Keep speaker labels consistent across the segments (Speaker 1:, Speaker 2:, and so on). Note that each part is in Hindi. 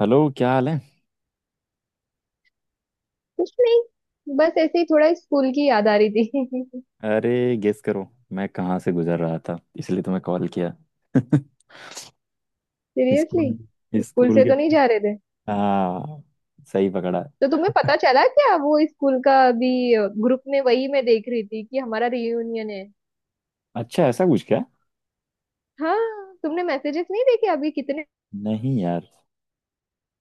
Speaker 1: हेलो, क्या हाल है।
Speaker 2: कुछ नहीं। बस ऐसे ही थोड़ा स्कूल की याद आ रही थी।
Speaker 1: अरे गेस करो मैं कहाँ से गुजर रहा था इसलिए तुम्हें कॉल किया।
Speaker 2: सीरियसली।
Speaker 1: स्कूल,
Speaker 2: स्कूल
Speaker 1: स्कूल
Speaker 2: से
Speaker 1: के।
Speaker 2: तो नहीं जा रहे थे।
Speaker 1: हाँ, सही पकड़ा।
Speaker 2: तो तुम्हें पता चला क्या वो स्कूल का अभी? ग्रुप में वही मैं देख रही थी कि हमारा रियूनियन है।
Speaker 1: अच्छा, ऐसा कुछ क्या।
Speaker 2: हाँ। तुमने मैसेजेस नहीं देखे अभी कितने?
Speaker 1: नहीं यार।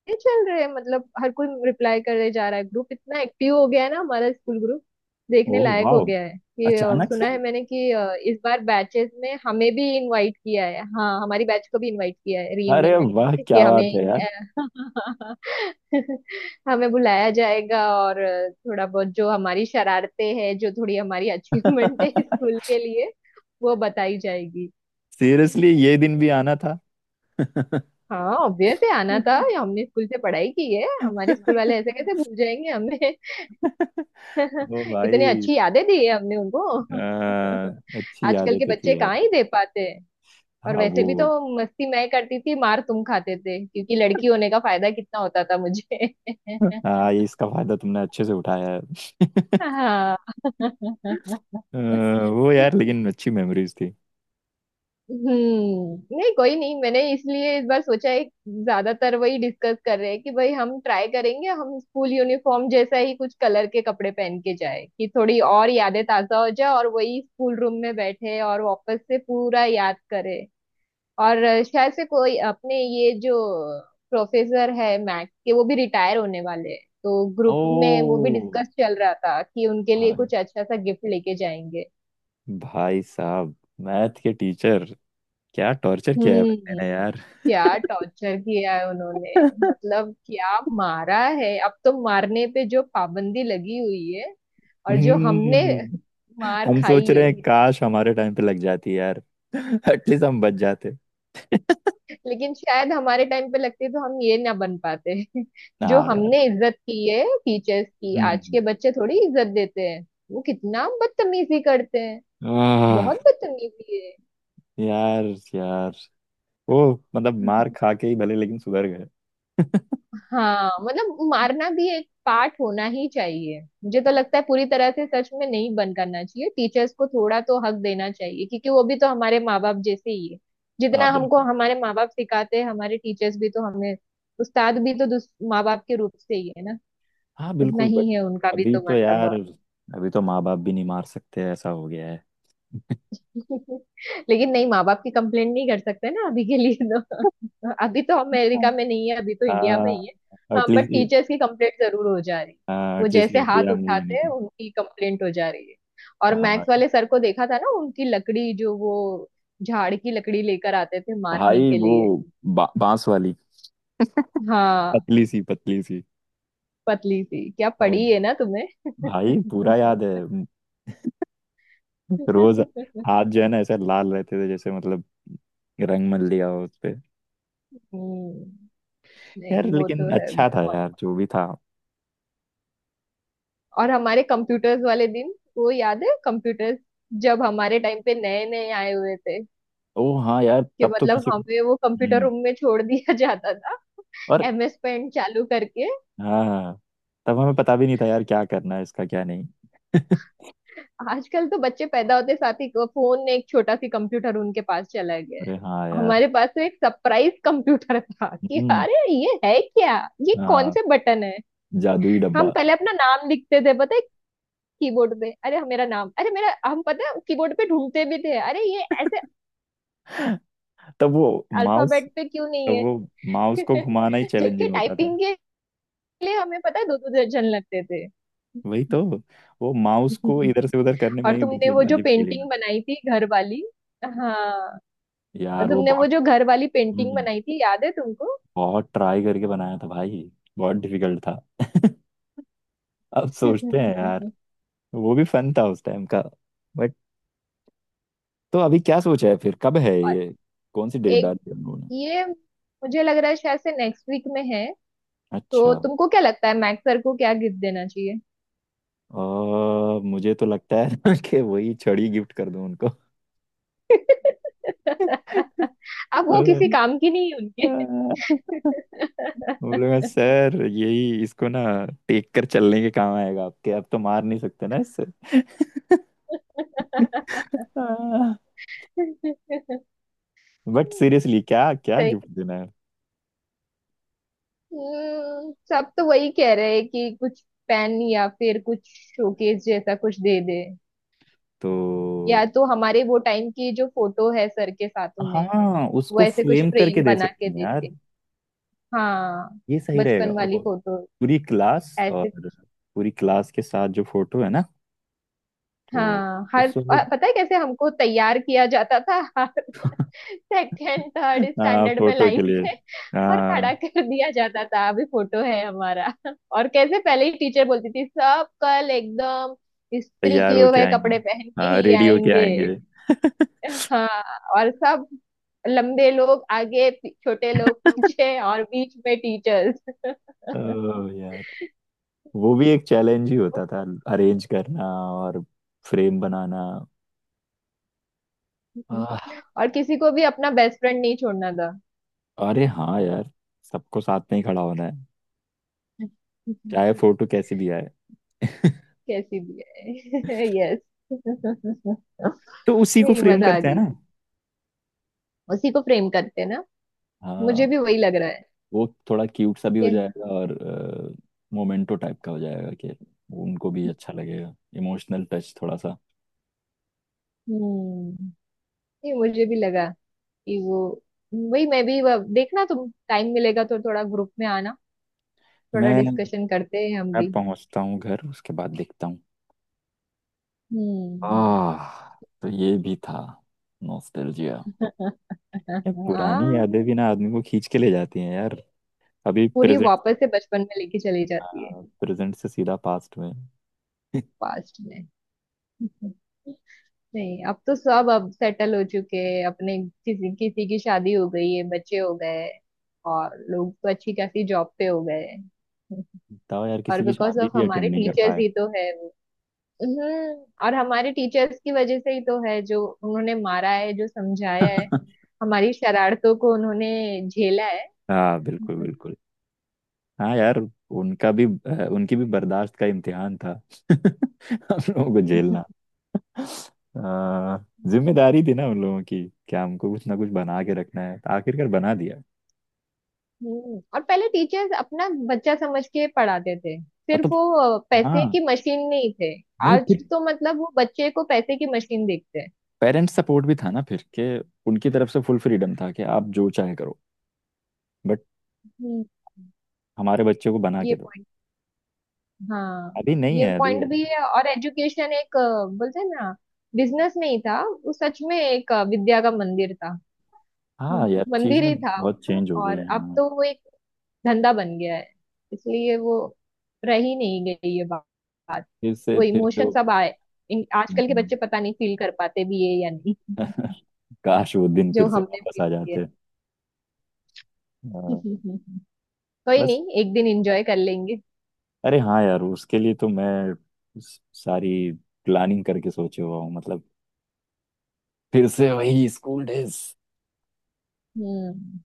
Speaker 2: ये चल रहे हैं, मतलब हर कोई रिप्लाई करे जा रहा है। ग्रुप इतना एक्टिव हो गया है ना हमारा स्कूल ग्रुप। देखने
Speaker 1: ओह
Speaker 2: लायक
Speaker 1: वाह,
Speaker 2: हो गया है। कि
Speaker 1: अचानक से।
Speaker 2: सुना है मैंने कि इस बार बैचेस में हमें भी इनवाइट किया है। हाँ, हमारी बैच को भी इनवाइट किया है रियूनियन
Speaker 1: अरे
Speaker 2: में।
Speaker 1: वाह,
Speaker 2: कि
Speaker 1: क्या
Speaker 2: हमें
Speaker 1: बात है यार।
Speaker 2: अ, हमें बुलाया जाएगा, और थोड़ा बहुत जो हमारी शरारतें हैं, जो थोड़ी हमारी अचीवमेंट है स्कूल के लिए, वो बताई जाएगी।
Speaker 1: सीरियसली ये दिन भी आना था।
Speaker 2: हाँ, ऑब्वियस है आना था ये। हमने स्कूल से पढ़ाई की है, हमारे स्कूल वाले ऐसे कैसे भूल जाएंगे हमें।
Speaker 1: ओ
Speaker 2: इतनी
Speaker 1: भाई।
Speaker 2: अच्छी यादें दी है हमने उनको।
Speaker 1: आ, अच्छी
Speaker 2: आजकल के
Speaker 1: आदत
Speaker 2: बच्चे
Speaker 1: थी यार।
Speaker 2: कहाँ ही दे पाते हैं। और
Speaker 1: हाँ
Speaker 2: वैसे भी तो
Speaker 1: वो।
Speaker 2: मस्ती मैं करती थी, मार तुम खाते थे, क्योंकि लड़की होने का फायदा कितना होता था मुझे।
Speaker 1: हाँ, ये इसका फायदा तुमने अच्छे से उठाया है। वो
Speaker 2: हाँ।
Speaker 1: यार, लेकिन अच्छी मेमोरीज थी।
Speaker 2: हम्म। नहीं, कोई नहीं, मैंने इसलिए इस बार सोचा है। ज्यादातर वही डिस्कस कर रहे हैं कि भाई हम ट्राई करेंगे, हम स्कूल यूनिफॉर्म जैसा ही कुछ कलर के कपड़े पहन के जाए, कि थोड़ी और यादें ताजा हो जाए, और वही स्कूल रूम में बैठे और वापस से पूरा याद करे। और शायद से कोई अपने ये जो प्रोफेसर है मैथ्स के, वो भी रिटायर होने वाले हैं, तो ग्रुप में वो
Speaker 1: ओ
Speaker 2: भी डिस्कस चल रहा था कि उनके लिए
Speaker 1: भाई,
Speaker 2: कुछ अच्छा सा गिफ्ट लेके जाएंगे।
Speaker 1: भाई साहब, मैथ के टीचर, क्या टॉर्चर किया है बंदे
Speaker 2: हम्म।
Speaker 1: ने यार।
Speaker 2: क्या टॉर्चर किया है उन्होंने। मतलब क्या मारा है। अब तो मारने पे जो पाबंदी लगी हुई है, और जो हमने
Speaker 1: हम्म,
Speaker 2: मार
Speaker 1: हम
Speaker 2: खाई
Speaker 1: सोच रहे
Speaker 2: है।
Speaker 1: हैं काश हमारे टाइम पे लग जाती यार। एटलीस्ट हम बच जाते।
Speaker 2: लेकिन शायद हमारे टाइम पे लगती तो हम ये ना बन पाते। जो
Speaker 1: हाँ यार।
Speaker 2: हमने इज्जत की है टीचर्स की, आज के
Speaker 1: हम्म।
Speaker 2: बच्चे थोड़ी इज्जत देते हैं। वो कितना बदतमीजी करते हैं।
Speaker 1: आह,
Speaker 2: बहुत बदतमीजी
Speaker 1: यार यार, वो, मतलब
Speaker 2: है।
Speaker 1: मार खा के ही भले, लेकिन सुधर गए।
Speaker 2: हाँ, मतलब मारना भी एक पार्ट होना ही चाहिए, मुझे तो लगता है। पूरी तरह से सच में नहीं बंद करना चाहिए। टीचर्स को थोड़ा तो हक देना चाहिए, क्योंकि वो भी तो हमारे माँ बाप जैसे ही है।
Speaker 1: हाँ
Speaker 2: जितना हमको
Speaker 1: बिल्कुल।
Speaker 2: हमारे माँ बाप सिखाते हैं, हमारे टीचर्स भी तो हमें। उस्ताद भी तो माँ बाप के रूप से ही है ना।
Speaker 1: हाँ
Speaker 2: उतना
Speaker 1: बिल्कुल
Speaker 2: ही
Speaker 1: बट
Speaker 2: है उनका भी
Speaker 1: अभी
Speaker 2: तो
Speaker 1: तो यार,
Speaker 2: मर्तबा।
Speaker 1: अभी तो माँ बाप भी नहीं मार सकते, ऐसा हो गया
Speaker 2: लेकिन नहीं, माँ बाप की कंप्लेंट नहीं कर सकते ना अभी के लिए तो। अभी तो
Speaker 1: है।
Speaker 2: अमेरिका में नहीं है, अभी तो इंडिया में ही है।
Speaker 1: हाँ।
Speaker 2: हाँ, बट
Speaker 1: एटलीस्ट,
Speaker 2: टीचर्स की कंप्लेंट जरूर हो जा रही है। वो
Speaker 1: एटलीस्ट
Speaker 2: जैसे हाथ
Speaker 1: इंडिया में ये
Speaker 2: उठाते हैं,
Speaker 1: नहीं।
Speaker 2: उनकी कंप्लेंट हो जा रही है। और मैथ्स
Speaker 1: हाँ
Speaker 2: वाले सर को देखा था ना उनकी लकड़ी, जो वो झाड़ की लकड़ी लेकर आते थे मारने
Speaker 1: भाई,
Speaker 2: के
Speaker 1: वो
Speaker 2: लिए।
Speaker 1: बांस वाली,
Speaker 2: हाँ,
Speaker 1: पतली सी पतली सी।
Speaker 2: पतली सी क्या
Speaker 1: ओ
Speaker 2: पड़ी है ना तुम्हें।
Speaker 1: भाई पूरा याद है। रोज हाथ जो है ना ऐसे लाल रहते थे, जैसे मतलब रंग मल लिया हो उस पे।
Speaker 2: हम्म।
Speaker 1: यार
Speaker 2: नहीं, वो
Speaker 1: लेकिन
Speaker 2: तो है
Speaker 1: अच्छा था
Speaker 2: बहुत।
Speaker 1: यार, जो भी था।
Speaker 2: और हमारे कंप्यूटर्स वाले दिन, वो याद है कंप्यूटर्स जब हमारे टाइम पे नए नए आए हुए थे?
Speaker 1: ओ हाँ यार,
Speaker 2: कि
Speaker 1: तब तो
Speaker 2: मतलब
Speaker 1: किसी को,
Speaker 2: हमें वो कंप्यूटर
Speaker 1: हम्म
Speaker 2: रूम में छोड़ दिया जाता था,
Speaker 1: और
Speaker 2: एमएस पेंट चालू करके।
Speaker 1: हाँ हाँ, तब हमें पता भी नहीं था यार क्या करना है इसका क्या नहीं।
Speaker 2: आजकल तो बच्चे पैदा होते साथ ही फोन ने एक छोटा सी कंप्यूटर उनके पास चला गया है।
Speaker 1: अरे हाँ यार।
Speaker 2: हमारे पास तो एक सरप्राइज कंप्यूटर था कि
Speaker 1: हम्म।
Speaker 2: अरे ये है क्या? ये कौन
Speaker 1: हाँ,
Speaker 2: से बटन है?
Speaker 1: जादुई डब्बा।
Speaker 2: हम पहले अपना नाम लिखते थे पता है कीबोर्ड पे, अरे मेरा नाम, अरे मेरा, हम पता है कीबोर्ड पे ढूंढते भी थे, अरे ये ऐसे
Speaker 1: तब वो माउस
Speaker 2: अल्फाबेट पे क्यों नहीं
Speaker 1: तो
Speaker 2: है।
Speaker 1: वो माउस को घुमाना ही
Speaker 2: जबकि
Speaker 1: चैलेंजिंग होता था।
Speaker 2: टाइपिंग के लिए हमें पता है दो दो दर्जन लगते थे।
Speaker 1: वही तो, वो माउस को इधर से उधर करने में
Speaker 2: और
Speaker 1: ही,
Speaker 2: तुमने वो
Speaker 1: मतलब
Speaker 2: जो
Speaker 1: अजीब फीलिंग।
Speaker 2: पेंटिंग बनाई थी घर वाली, हाँ। और
Speaker 1: यार वो
Speaker 2: तुमने वो
Speaker 1: बहुत
Speaker 2: जो घर वाली पेंटिंग
Speaker 1: हम्म,
Speaker 2: बनाई थी याद है तुमको?
Speaker 1: बहुत ट्राई करके बनाया था भाई। बहुत डिफिकल्ट था। अब सोचते हैं यार, वो भी फन था उस टाइम का, बट। तो अभी क्या सोचा है, फिर कब है
Speaker 2: और
Speaker 1: ये, कौन सी डेट
Speaker 2: एक,
Speaker 1: डाली है उन्होंने।
Speaker 2: ये मुझे लग रहा है शायद से नेक्स्ट वीक में है।
Speaker 1: अच्छा,
Speaker 2: तो तुमको क्या लगता है मैक्स सर को क्या गिफ्ट देना चाहिए?
Speaker 1: मुझे तो लगता है कि वही छड़ी गिफ्ट कर दूं उनको।
Speaker 2: अब वो किसी काम की नहीं है उनके।
Speaker 1: बोलेगा सर यही इसको ना, टेक कर चलने के काम आएगा आपके, आप तो मार नहीं सकते ना इससे। बट सीरियसली क्या क्या
Speaker 2: सही।
Speaker 1: गिफ्ट देना है।
Speaker 2: सब तो वही कह रहे हैं कि कुछ पेन या फिर कुछ शोकेस जैसा कुछ दे दे। या
Speaker 1: तो
Speaker 2: तो हमारे वो टाइम की जो फोटो है सर के साथ में,
Speaker 1: हाँ,
Speaker 2: वो
Speaker 1: उसको
Speaker 2: ऐसे कुछ
Speaker 1: फ्रेम करके
Speaker 2: फ्रेम
Speaker 1: दे
Speaker 2: बना
Speaker 1: सकते
Speaker 2: के
Speaker 1: हैं
Speaker 2: देते।
Speaker 1: यार।
Speaker 2: हाँ,
Speaker 1: ये सही रहेगा।
Speaker 2: बचपन
Speaker 1: ओ,
Speaker 2: वाली फोटो
Speaker 1: पूरी क्लास और,
Speaker 2: ऐसे।
Speaker 1: पूरी क्लास के साथ जो फोटो है ना, तो
Speaker 2: हाँ, हर
Speaker 1: उसको।
Speaker 2: पता है कैसे हमको तैयार किया जाता था। सेकेंड थर्ड
Speaker 1: हाँ,
Speaker 2: स्टैंडर्ड में
Speaker 1: फोटो के
Speaker 2: लाइन
Speaker 1: लिए।
Speaker 2: से, और खड़ा
Speaker 1: हाँ,
Speaker 2: कर दिया जाता था, अभी फोटो है हमारा। और कैसे पहले ही टीचर बोलती थी, सब कल एकदम इस्त्री
Speaker 1: तैयार
Speaker 2: किए
Speaker 1: होके
Speaker 2: हुए
Speaker 1: आएंगे,
Speaker 2: कपड़े पहन के
Speaker 1: हाँ
Speaker 2: ही
Speaker 1: रेडी होके
Speaker 2: आएंगे।
Speaker 1: आएंगे।
Speaker 2: हाँ, और सब लंबे लोग आगे, छोटे लोग पीछे, और बीच में टीचर्स।
Speaker 1: ओह यार, वो भी एक चैलेंज ही होता था, अरेंज करना और फ्रेम बनाना। आह,
Speaker 2: और किसी को भी अपना बेस्ट फ्रेंड नहीं छोड़ना था,
Speaker 1: अरे हाँ यार, सबको साथ में ही खड़ा होना है, चाहे फोटो कैसी भी आए।
Speaker 2: कैसी भी है। यस,
Speaker 1: तो उसी को
Speaker 2: नहीं
Speaker 1: फ्रेम
Speaker 2: मजा आ
Speaker 1: करते हैं
Speaker 2: गई।
Speaker 1: ना।
Speaker 2: उसी को प्रेम करते हैं ना,
Speaker 1: हाँ,
Speaker 2: मुझे भी वही लग रहा है
Speaker 1: वो थोड़ा क्यूट सा भी हो
Speaker 2: कि-
Speaker 1: जाएगा और मोमेंटो टाइप का हो जाएगा, कि उनको भी अच्छा लगेगा, इमोशनल टच थोड़ा सा।
Speaker 2: हम्म, नहीं मुझे भी लगा कि वो, वही मैं भी देखना, तुम टाइम मिलेगा तो थोड़ा ग्रुप में आना, थोड़ा
Speaker 1: मैं
Speaker 2: डिस्कशन करते हैं हम
Speaker 1: मैं
Speaker 2: भी।
Speaker 1: पहुंचता हूँ घर, उसके बाद देखता हूँ।
Speaker 2: हम्म।
Speaker 1: आह, तो ये भी था, नॉस्टैल्जिया। ये पुरानी
Speaker 2: हाँ,
Speaker 1: यादें भी ना आदमी को खींच के ले जाती हैं यार। अभी
Speaker 2: पूरी
Speaker 1: प्रेजेंट,
Speaker 2: वापस से बचपन में लेके चली जाती है।
Speaker 1: प्रेजेंट से सीधा पास्ट में।
Speaker 2: पास्ट में। नहीं, अब तो सब अब सेटल हो चुके हैं अपने, किसी किसी की शादी हो गई है, बच्चे हो गए हैं, और लोग तो अच्छी खासी जॉब पे हो गए हैं।
Speaker 1: बताओ यार,
Speaker 2: और
Speaker 1: किसी की
Speaker 2: बिकॉज
Speaker 1: शादी
Speaker 2: ऑफ
Speaker 1: भी
Speaker 2: हमारे
Speaker 1: अटेंड नहीं कर
Speaker 2: टीचर्स
Speaker 1: पाए।
Speaker 2: ही तो है वो। हम्म, और हमारे टीचर्स की वजह से ही तो है, जो उन्होंने मारा है, जो समझाया है, हमारी शरारतों को उन्होंने झेला है।
Speaker 1: हाँ बिल्कुल बिल्कुल। हाँ यार, उनका भी उनकी भी बर्दाश्त का इम्तिहान था। हम लोगों को झेलना अ, जिम्मेदारी थी ना उन लोगों की, क्या हमको कुछ ना कुछ बना के रखना है, तो आखिरकार बना दिया।
Speaker 2: हम्म, और पहले टीचर्स अपना बच्चा समझ के पढ़ाते थे
Speaker 1: और
Speaker 2: सिर्फ,
Speaker 1: तो,
Speaker 2: वो पैसे
Speaker 1: हाँ,
Speaker 2: की मशीन नहीं थे।
Speaker 1: नहीं
Speaker 2: आज
Speaker 1: फिर,
Speaker 2: तो मतलब वो बच्चे को पैसे की मशीन देखते हैं।
Speaker 1: पेरेंट्स सपोर्ट भी था ना फिर, कि उनकी तरफ से फुल फ्रीडम था कि आप जो चाहे करो, बट
Speaker 2: हम्म,
Speaker 1: हमारे बच्चे को बना के
Speaker 2: ये,
Speaker 1: दो।
Speaker 2: हाँ,
Speaker 1: अभी नहीं
Speaker 2: ये
Speaker 1: है अभी
Speaker 2: पॉइंट
Speaker 1: है।
Speaker 2: भी है। और एजुकेशन एक बोलते हैं ना, बिजनेस नहीं था। वो सच में एक विद्या का मंदिर था। हम्म,
Speaker 1: हाँ यार,
Speaker 2: मंदिर
Speaker 1: चीजें
Speaker 2: ही था।
Speaker 1: बहुत
Speaker 2: वो,
Speaker 1: चेंज हो गई
Speaker 2: और
Speaker 1: हैं।
Speaker 2: अब
Speaker 1: हाँ।
Speaker 2: तो वो एक धंधा बन गया है, इसलिए वो रह ही नहीं गई ये बात।
Speaker 1: फिर से
Speaker 2: वो
Speaker 1: फिर से
Speaker 2: इमोशन
Speaker 1: वो-
Speaker 2: सब आए, आजकल के बच्चे
Speaker 1: हम्म,
Speaker 2: पता नहीं फील कर पाते भी है या नहीं।
Speaker 1: काश वो दिन
Speaker 2: जो
Speaker 1: फिर से
Speaker 2: हमने
Speaker 1: वापस आ
Speaker 2: फील किया।
Speaker 1: जाते। हाँ,
Speaker 2: कोई
Speaker 1: बस।
Speaker 2: नहीं, एक दिन एंजॉय कर लेंगे।
Speaker 1: अरे हाँ यार, उसके लिए तो मैं सारी प्लानिंग करके सोचे हुआ हूँ, मतलब फिर से वही स्कूल डेज।
Speaker 2: हम्म,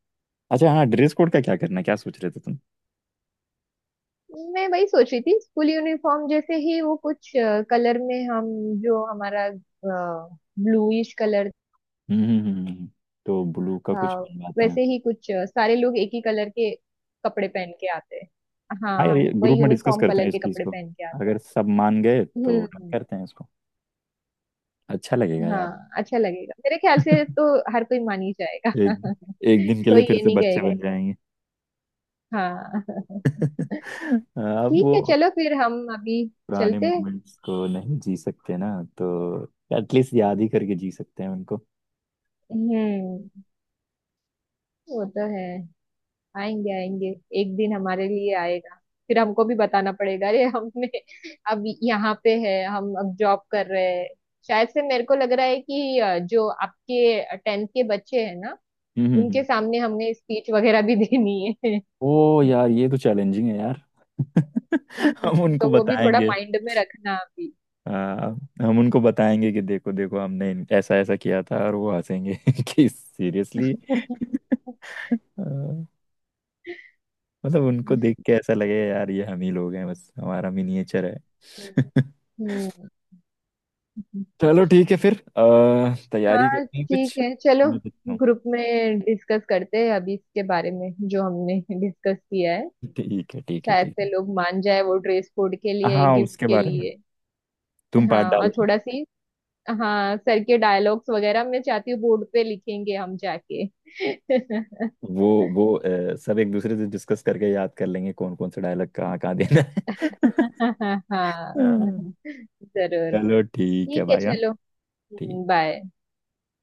Speaker 1: अच्छा हाँ, ड्रेस कोड का क्या करना है, क्या सोच रहे थे तुम।
Speaker 2: मैं वही सोच रही थी, स्कूल यूनिफॉर्म जैसे ही वो कुछ कलर में हम, जो हमारा ब्लूइश कलर
Speaker 1: हम्म। तो ब्लू का
Speaker 2: था।
Speaker 1: कुछ बनवाते हैं।
Speaker 2: वैसे ही कुछ सारे लोग एक ही कलर के कपड़े पहन के आते हैं,
Speaker 1: हाँ यार,
Speaker 2: हाँ
Speaker 1: ये ग्रुप
Speaker 2: वही
Speaker 1: में डिस्कस
Speaker 2: यूनिफॉर्म
Speaker 1: करते हैं
Speaker 2: कलर
Speaker 1: इस
Speaker 2: के
Speaker 1: चीज
Speaker 2: कपड़े
Speaker 1: को,
Speaker 2: पहन के आते हैं।
Speaker 1: अगर सब मान गए तो डन
Speaker 2: हम्म।
Speaker 1: करते हैं इसको। अच्छा लगेगा यार।
Speaker 2: हाँ, अच्छा लगेगा मेरे ख्याल से तो, हर कोई मान ही जाएगा।
Speaker 1: एक एक दिन के लिए
Speaker 2: कोई
Speaker 1: फिर
Speaker 2: ये
Speaker 1: से
Speaker 2: नहीं
Speaker 1: बच्चे
Speaker 2: कहेगा,
Speaker 1: बन जाएंगे।
Speaker 2: हाँ।
Speaker 1: हाँ, अब
Speaker 2: ठीक
Speaker 1: वो
Speaker 2: है, चलो फिर हम अभी
Speaker 1: पुराने
Speaker 2: चलते हैं।
Speaker 1: मोमेंट्स को नहीं जी सकते ना, तो एटलीस्ट याद ही करके जी सकते हैं उनको।
Speaker 2: हम्म, वो तो है। आएंगे आएंगे, एक दिन हमारे लिए आएगा। फिर हमको भी बताना पड़ेगा, अरे हमने, अब यहाँ पे है हम, अब जॉब कर रहे हैं। शायद से मेरे को लग रहा है कि जो आपके 10th के बच्चे हैं ना,
Speaker 1: हम्म हम्म,
Speaker 2: उनके
Speaker 1: हम्म।
Speaker 2: सामने हमने स्पीच वगैरह भी देनी है।
Speaker 1: ओ यार, ये तो चैलेंजिंग है यार।
Speaker 2: हम्म,
Speaker 1: हम उनको
Speaker 2: तो वो भी थोड़ा
Speaker 1: बताएंगे।
Speaker 2: माइंड में रखना अभी।
Speaker 1: आ, हम उनको बताएंगे कि देखो देखो, हमने ऐसा ऐसा किया था, और वो हंसेंगे कि सीरियसली, मतलब उनको
Speaker 2: हम्म
Speaker 1: देख के ऐसा लगे यार ये हम ही लोग हैं, बस हमारा मिनिएचर है।
Speaker 2: हम्म।
Speaker 1: चलो ठीक है, फिर तैयारी
Speaker 2: हाँ
Speaker 1: करते हैं
Speaker 2: ठीक
Speaker 1: कुछ।
Speaker 2: है, चलो,
Speaker 1: मैं देखता हूँ।
Speaker 2: ग्रुप में डिस्कस करते हैं अभी इसके बारे में, जो हमने डिस्कस किया है।
Speaker 1: ठीक है ठीक है
Speaker 2: शायद
Speaker 1: ठीक
Speaker 2: से
Speaker 1: है।
Speaker 2: लोग मान जाए वो ड्रेस कोड के लिए,
Speaker 1: हाँ,
Speaker 2: गिफ्ट
Speaker 1: उसके
Speaker 2: के
Speaker 1: बारे में
Speaker 2: लिए।
Speaker 1: तुम
Speaker 2: हाँ,
Speaker 1: पार्ट
Speaker 2: और
Speaker 1: डालना।
Speaker 2: थोड़ा सी, हाँ, सर के डायलॉग्स वगैरह मैं चाहती हूँ बोर्ड पे लिखेंगे हम जाके।
Speaker 1: वो सब एक दूसरे से डिस्कस करके याद कर लेंगे कौन कौन से डायलॉग कहाँ कहाँ देना है।
Speaker 2: हाँ,
Speaker 1: हाँ।
Speaker 2: जरूर।
Speaker 1: चलो ठीक है
Speaker 2: ठीक है,
Speaker 1: भाई, हाँ,
Speaker 2: चलो,
Speaker 1: ठीक
Speaker 2: बाय।